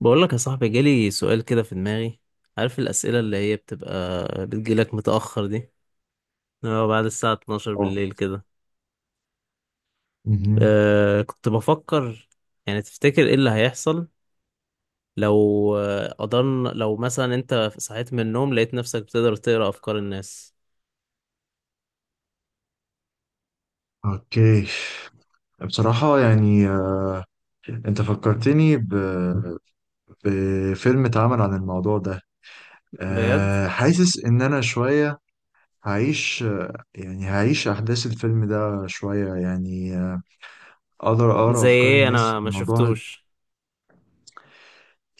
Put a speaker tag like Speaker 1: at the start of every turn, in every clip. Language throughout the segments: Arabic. Speaker 1: بقول لك يا صاحبي جالي سؤال كده في دماغي. عارف الأسئلة اللي هي بتبقى بتجيلك متأخر دي؟ اه، بعد الساعة 12
Speaker 2: اه.
Speaker 1: بالليل كده.
Speaker 2: مهم.
Speaker 1: كنت بفكر، يعني تفتكر ايه اللي هيحصل لو قدرنا، لو مثلا انت صحيت من النوم لقيت نفسك بتقدر تقرأ أفكار الناس؟
Speaker 2: اوكي، بصراحة يعني انت فكرتني بفيلم اتعمل عن الموضوع ده.
Speaker 1: بجد.
Speaker 2: حاسس ان انا شوية هعيش، يعني هعيش احداث الفيلم ده شوية يعني. اقدر اقرا
Speaker 1: زي
Speaker 2: افكار
Speaker 1: ايه؟
Speaker 2: الناس.
Speaker 1: انا ما
Speaker 2: الموضوع
Speaker 1: شفتوش.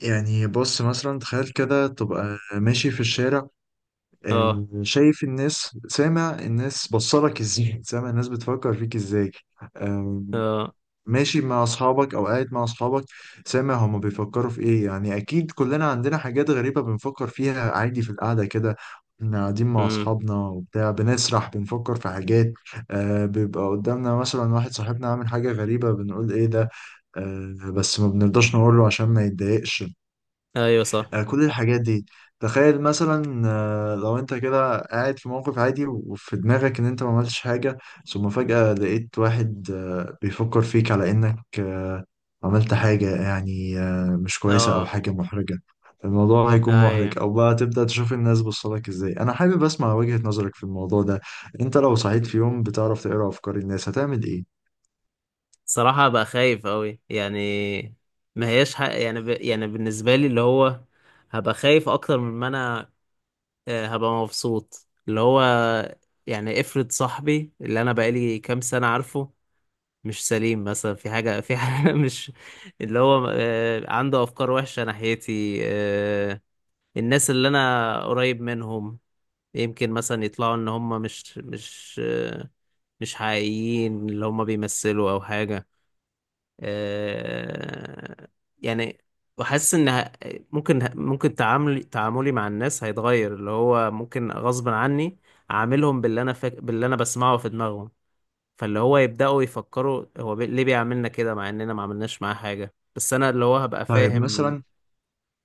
Speaker 2: يعني، بص مثلا تخيل كده تبقى ماشي في الشارع،
Speaker 1: اه.
Speaker 2: شايف الناس، سامع الناس بصلك ازاي، سامع الناس بتفكر فيك ازاي.
Speaker 1: اه.
Speaker 2: ماشي مع اصحابك او قاعد مع اصحابك، سامع هما بيفكروا في ايه. يعني اكيد كلنا عندنا حاجات غريبة بنفكر فيها عادي في القعدة كده. احنا قاعدين مع
Speaker 1: امم.
Speaker 2: اصحابنا وبتاع، بنسرح بنفكر في حاجات. بيبقى قدامنا مثلا واحد صاحبنا عامل حاجة غريبة، بنقول ايه ده. بس ما بنرضاش نقوله عشان ما يتضايقش.
Speaker 1: ايوه صح.
Speaker 2: كل الحاجات دي، تخيل مثلا، لو انت كده قاعد في موقف عادي وفي دماغك ان انت ما عملتش حاجة، ثم فجأة لقيت واحد بيفكر فيك على انك عملت حاجة يعني مش كويسة او
Speaker 1: اه.
Speaker 2: حاجة محرجة. الموضوع هيكون
Speaker 1: ايوه.
Speaker 2: محرج، او بقى تبدأ تشوف الناس بصلك ازاي. انا حابب اسمع وجهة نظرك في الموضوع ده. انت لو صحيت في يوم بتعرف تقرأ افكار الناس، هتعمل ايه؟
Speaker 1: صراحة بقى خايف أوي يعني، ما هياش حق يعني، يعني بالنسبة لي اللي هو هبقى خايف أكتر من ما أنا، هبقى مبسوط. اللي هو يعني افرض صاحبي اللي أنا بقالي كام سنة عارفه مش سليم مثلا، في حاجة، مش، اللي هو عنده أفكار وحشة ناحيتي، الناس اللي أنا قريب منهم يمكن مثلا يطلعوا إن هم مش مش حقيقيين، اللي هم بيمثلوا أو حاجة. آه، يعني، وحاسس ان ه- ممكن تعاملي مع الناس هيتغير، اللي هو ممكن غصب عني اعاملهم باللي انا باللي انا بسمعه في دماغهم، فاللي هو يبداوا يفكروا هو، ليه بيعملنا كده، مع اننا ما عملناش معاه حاجه، بس انا اللي هو هبقى
Speaker 2: طيب
Speaker 1: فاهم.
Speaker 2: مثلا.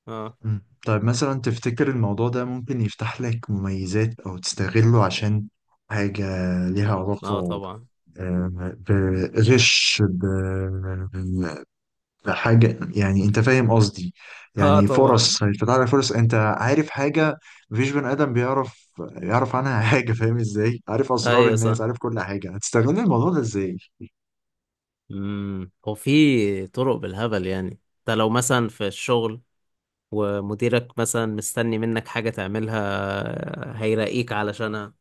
Speaker 1: اه.
Speaker 2: مم. طيب مثلا، تفتكر الموضوع ده ممكن يفتح لك مميزات أو تستغله عشان حاجة ليها
Speaker 1: اه
Speaker 2: علاقة،
Speaker 1: طبعا.
Speaker 2: بغش بحاجة، يعني أنت فاهم قصدي؟
Speaker 1: اه
Speaker 2: يعني
Speaker 1: طبعا.
Speaker 2: فرص، هيفتح لك فرص، أنت عارف حاجة مفيش بني آدم يعرف عنها حاجة. فاهم إزاي؟ عارف أسرار
Speaker 1: ايوه
Speaker 2: الناس،
Speaker 1: صح.
Speaker 2: عارف كل حاجة، هتستغل الموضوع ده إزاي؟
Speaker 1: هو في طرق بالهبل، يعني انت لو مثلا في الشغل ومديرك مثلا مستني منك حاجة تعملها هيراقيك علشانها،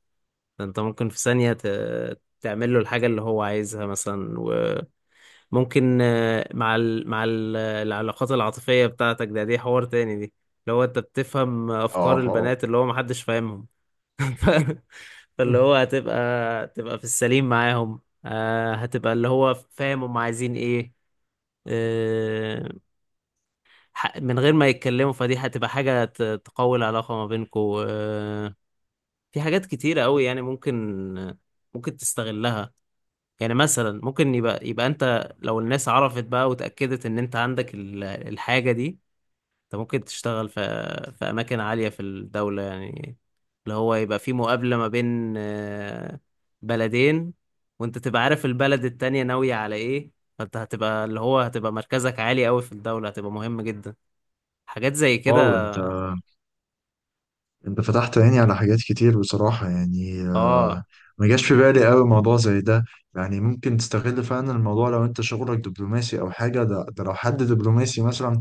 Speaker 1: انت ممكن في ثانية تعمل له الحاجة اللي هو عايزها مثلا. وممكن مع العلاقات العاطفية بتاعتك، ده دي حوار تاني دي. اللي هو انت بتفهم افكار
Speaker 2: آه
Speaker 1: البنات اللي هو محدش فاهمهم. ف... فاللي هو تبقى في السليم معاهم، هتبقى اللي هو فاهم هم عايزين ايه، آه، من غير ما يتكلموا، فدي هتبقى حاجة تقوي العلاقة ما بينكوا، في حاجات كتيرة قوي يعني ممكن تستغلها. يعني مثلا ممكن يبقى انت لو الناس عرفت بقى وتأكدت ان انت عندك الحاجة دي، انت ممكن تشتغل في، في أماكن عالية في الدولة يعني، اللي هو يبقى في مقابلة ما بين بلدين، وانت تبقى عارف البلد التانية ناوية على ايه. فانت هتبقى اللي هو هتبقى مركزك عالي قوي في الدولة، هتبقى مهم جدا. حاجات زي
Speaker 2: واو.
Speaker 1: كده.
Speaker 2: انت فتحت عيني على حاجات كتير بصراحة. يعني.
Speaker 1: اه.
Speaker 2: ما جاش في بالي قوي موضوع زي ده. يعني ممكن تستغل فعلا الموضوع لو انت شغلك دبلوماسي او حاجة. ده لو حد دبلوماسي مثلا،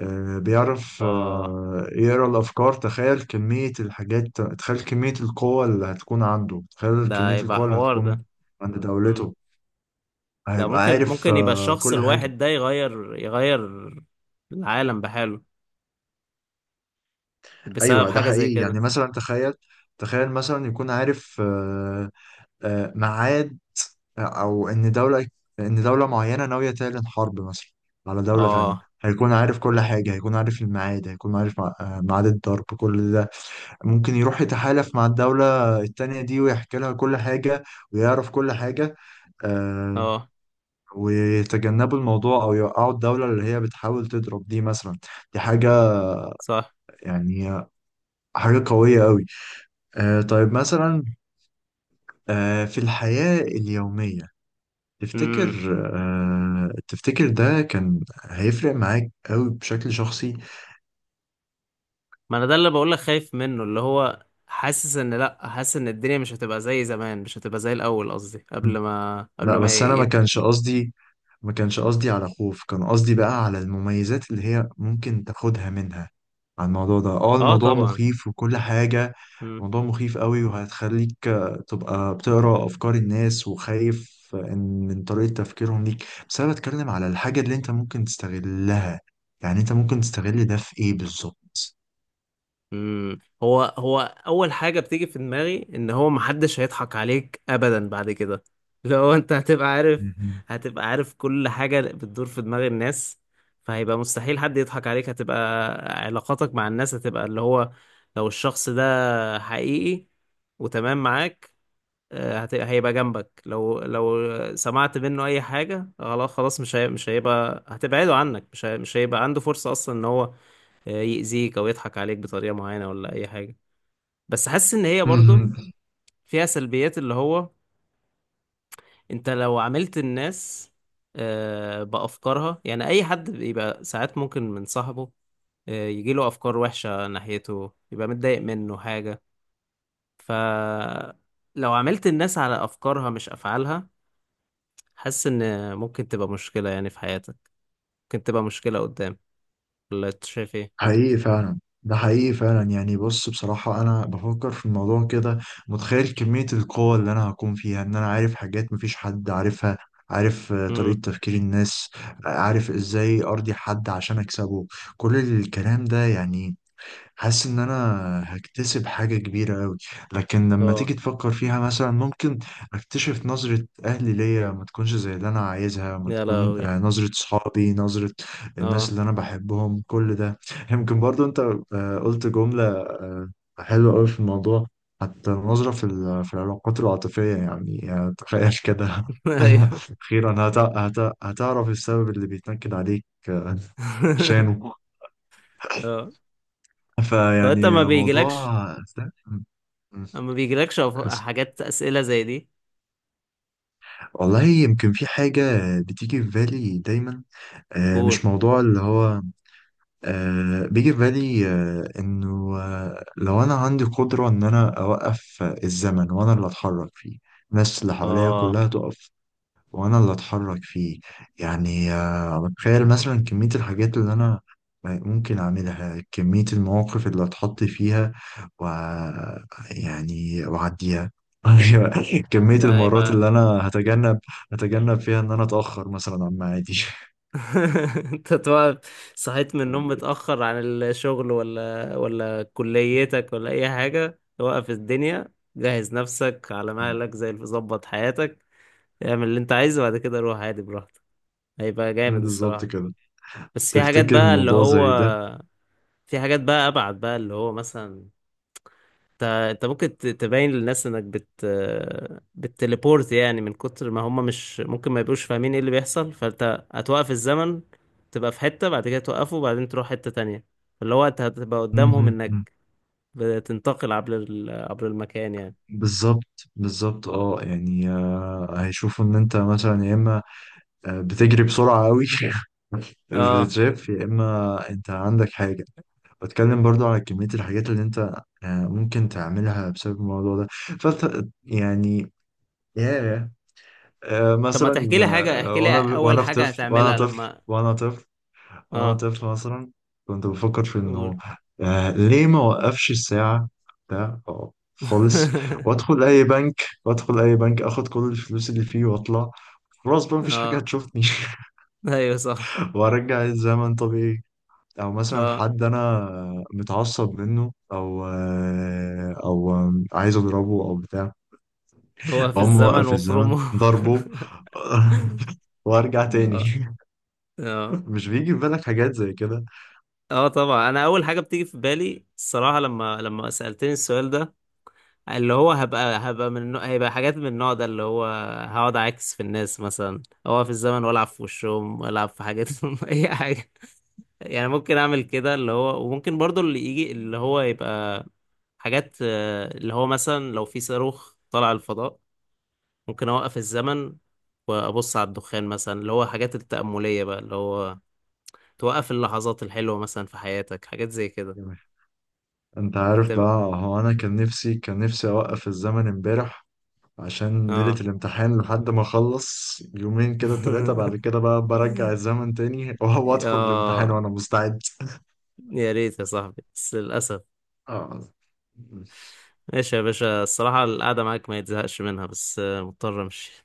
Speaker 2: بيعرف
Speaker 1: اه.
Speaker 2: يقرا الافكار. تخيل كمية الحاجات، تخيل كمية القوة اللي هتكون عنده، تخيل
Speaker 1: ده
Speaker 2: كمية
Speaker 1: يبقى
Speaker 2: القوة اللي
Speaker 1: حوار
Speaker 2: هتكون
Speaker 1: ده.
Speaker 2: عند
Speaker 1: مم.
Speaker 2: دولته.
Speaker 1: ده
Speaker 2: هيبقى عارف
Speaker 1: ممكن يبقى الشخص
Speaker 2: كل حاجة.
Speaker 1: الواحد ده يغير العالم بحاله، بسبب
Speaker 2: ايوه، ده
Speaker 1: حاجة زي
Speaker 2: حقيقي.
Speaker 1: كده.
Speaker 2: يعني مثلا، تخيل. مثلا يكون عارف، ميعاد، او ان دولة معينة ناوية تعلن حرب مثلا على دولة تانية.
Speaker 1: اه.
Speaker 2: هيكون عارف كل حاجة، هيكون عارف الميعاد، هيكون عارف ميعاد الضرب، كل ده. ممكن يروح يتحالف مع الدولة التانية دي ويحكي لها كل حاجة، ويعرف كل حاجة، آه،
Speaker 1: اه
Speaker 2: ويتجنبوا الموضوع أو يوقعوا الدولة اللي هي بتحاول تضرب دي مثلا. دي حاجة
Speaker 1: صح.
Speaker 2: يعني، حاجة قوية قوي. طيب مثلا، في الحياة اليومية، تفتكر،
Speaker 1: امم
Speaker 2: ده كان هيفرق معاك قوي بشكل شخصي؟
Speaker 1: ما انا ده اللي بقولك خايف منه، اللي هو حاسس ان، لا، حاسس ان الدنيا مش هتبقى زي زمان، مش هتبقى زي الاول قصدي،
Speaker 2: مم.
Speaker 1: قبل
Speaker 2: لا،
Speaker 1: ما
Speaker 2: بس انا
Speaker 1: يبقى.
Speaker 2: ما كانش قصدي على خوف، كان قصدي بقى على المميزات اللي هي ممكن تاخدها منها على الموضوع ده. اه،
Speaker 1: اه
Speaker 2: الموضوع
Speaker 1: طبعا.
Speaker 2: مخيف وكل حاجة.
Speaker 1: مم.
Speaker 2: الموضوع مخيف قوي وهتخليك تبقى بتقرأ افكار الناس وخايف، من طريقة تفكيرهم ليك. بس انا بتكلم على الحاجة اللي انت ممكن تستغلها، يعني انت ممكن تستغل ده في ايه بالظبط؟
Speaker 1: هو هو اول حاجه بتيجي في دماغي ان هو محدش هيضحك عليك ابدا بعد كده. لو انت هتبقى عارف،
Speaker 2: مهم.
Speaker 1: هتبقى عارف كل حاجه بتدور في دماغ الناس، فهيبقى مستحيل حد يضحك عليك. هتبقى علاقاتك مع الناس، هتبقى اللي هو لو الشخص ده حقيقي وتمام معاك، هيبقى جنبك. لو سمعت منه اي حاجه، خلاص خلاص، مش هيبقى هتبعده عنك. مش هيبقى عنده فرصه اصلا ان هو يأذيك او يضحك عليك بطريقه معينه، ولا اي حاجه. بس حاسس ان هي برضو
Speaker 2: مهم.
Speaker 1: فيها سلبيات، اللي هو انت لو عملت الناس بافكارها، يعني اي حد بيبقى ساعات ممكن من صاحبه يجيله افكار وحشه ناحيته، يبقى متضايق منه حاجه. ف، لو عملت الناس على افكارها مش افعالها، حاسس ان ممكن تبقى مشكلة يعني في حياتك. ممكن تبقى مشكلة قدام. ولا انت شايف ايه؟
Speaker 2: حقيقي فعلا، ده حقيقي فعلا. يعني بص، بصراحة أنا بفكر في الموضوع كده، متخيل كمية القوة اللي أنا هكون فيها، إن أنا عارف حاجات مفيش حد عارفها، عارف
Speaker 1: امم.
Speaker 2: طريقة تفكير الناس، عارف إزاي أرضي حد عشان أكسبه، كل الكلام ده. يعني حاسس ان انا هكتسب حاجة كبيرة قوي. لكن لما
Speaker 1: اه.
Speaker 2: تيجي تفكر فيها مثلا، ممكن اكتشف نظرة اهلي ليا ما تكونش زي اللي انا عايزها، ما
Speaker 1: يا
Speaker 2: تكون
Speaker 1: لهوي.
Speaker 2: نظرة صحابي، نظرة الناس
Speaker 1: اه.
Speaker 2: اللي انا بحبهم، كل ده. يمكن برضو انت قلت جملة حلوة قوي في الموضوع، حتى النظرة في العلاقات العاطفية، يعني تخيل كده.
Speaker 1: ايوه.
Speaker 2: أخيرا هتعرف السبب اللي بيتنكد عليك شانه.
Speaker 1: اه. طب انت
Speaker 2: فيعني
Speaker 1: ما
Speaker 2: موضوع.
Speaker 1: بيجيلكش،
Speaker 2: استنى. م- آسف.
Speaker 1: حاجات، اسئلة زي دي؟
Speaker 2: والله يمكن في حاجة بتيجي في بالي دايما،
Speaker 1: قول.
Speaker 2: مش موضوع اللي هو، بيجي في بالي انه، لو انا عندي قدرة ان انا اوقف الزمن وانا اللي اتحرك فيه. الناس اللي حواليا
Speaker 1: اه.
Speaker 2: كلها تقف وانا اللي اتحرك فيه. يعني بتخيل مثلا كمية الحاجات اللي انا ممكن اعملها، كمية المواقف اللي اتحط فيها، و، يعني واعديها. كمية
Speaker 1: ده
Speaker 2: المرات
Speaker 1: هيبقى.
Speaker 2: اللي انا هتجنب فيها ان انا اتأخر مثلا عن ميعادي.
Speaker 1: انت تبقى صحيت من النوم متأخر عن الشغل، ولا كليتك ولا اي حاجة، توقف الدنيا، جهز نفسك على مهلك زي اللي ظبط حياتك، اعمل اللي انت عايزه، وبعد كده روح عادي براحتك. هيبقى جامد
Speaker 2: بالظبط
Speaker 1: الصراحة.
Speaker 2: كده.
Speaker 1: بس في حاجات
Speaker 2: تفتكر
Speaker 1: بقى اللي
Speaker 2: الموضوع
Speaker 1: هو،
Speaker 2: زي ده؟
Speaker 1: في حاجات بقى أبعد بقى اللي هو، مثلا انت ممكن تبين للناس انك بتليبورت يعني، من كتر ما هم مش ممكن ما يبقوش فاهمين ايه اللي بيحصل. فانت هتوقف الزمن، تبقى في حتة، بعد كده توقفه وبعدين تروح حتة تانية، اللي هو انت هتبقى قدامهم
Speaker 2: مهم.
Speaker 1: انك بتنتقل عبر المكان يعني.
Speaker 2: بالظبط بالظبط، اه. يعني. هيشوفوا ان انت مثلا، يا اما بتجري بسرعة قوي مش
Speaker 1: اه.
Speaker 2: بتتشاف، يا إما أنت عندك حاجة. بتكلم برضو على كمية الحاجات اللي أنت ممكن تعملها بسبب الموضوع ده. فأنت يعني، ياه.
Speaker 1: طب ما
Speaker 2: مثلا
Speaker 1: تحكي لي حاجة، احكي لي
Speaker 2: وأنا
Speaker 1: اول
Speaker 2: وأنا في
Speaker 1: حاجة
Speaker 2: طفل وأنا
Speaker 1: هتعملها
Speaker 2: طفل
Speaker 1: لما.
Speaker 2: وأنا طفل وأنا
Speaker 1: اه.
Speaker 2: طفل مثلا، كنت بفكر في
Speaker 1: قول.
Speaker 2: إنه ليه ما وقفش الساعة ده، أو خالص. وأدخل أي بنك أخد كل الفلوس اللي فيه وأطلع، خلاص بقى مفيش حاجة
Speaker 1: اه.
Speaker 2: هتشوفني.
Speaker 1: ايوه صح.
Speaker 2: وارجع الزمن طبيعي. او مثلا
Speaker 1: اه.
Speaker 2: حد انا متعصب منه او عايز اضربه او بتاع،
Speaker 1: وقف
Speaker 2: اقوم
Speaker 1: الزمن
Speaker 2: موقف الزمن
Speaker 1: وافرمه.
Speaker 2: ضربه. وارجع تاني.
Speaker 1: اه. اه.
Speaker 2: مش بيجي في بالك حاجات زي كده؟
Speaker 1: اه طبعا. انا اول حاجه بتيجي في بالي الصراحه، لما سالتني السؤال ده، اللي هو هبقى من هيبقى حاجات من النوع ده، اللي هو هقعد اعكس في الناس مثلا، اوقف الزمن والعب في وشهم والعب في حاجاتهم. اي حاجه يعني، ممكن اعمل كده اللي هو، وممكن برضو اللي يجي اللي هو يبقى حاجات، اللي هو مثلا لو في صاروخ طلع الفضاء، ممكن اوقف الزمن وابص على الدخان مثلا، اللي هو حاجات التأملية بقى، اللي هو توقف اللحظات الحلوة مثلا في حياتك، حاجات زي كده.
Speaker 2: تمام. انت عارف
Speaker 1: هتبقى.
Speaker 2: بقى، هو انا كان نفسي اوقف الزمن امبارح، عشان ليلة
Speaker 1: اه.
Speaker 2: الامتحان، لحد ما اخلص يومين كده، ثلاثة، بعد كده بقى برجع الزمن تاني، وادخل الامتحان
Speaker 1: اه.
Speaker 2: وانا مستعد.
Speaker 1: يا ريت يا صاحبي بس للأسف.
Speaker 2: اه،
Speaker 1: ماشي يا باشا، الصراحة القعدة معاك ما يتزهقش منها، بس مضطر امشي.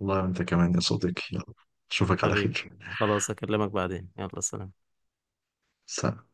Speaker 2: والله وانت كمان يا صديقي. يلا، اشوفك على
Speaker 1: حبيبي.
Speaker 2: خير.
Speaker 1: خلاص اكلمك بعدين، يلا سلام.
Speaker 2: سلام.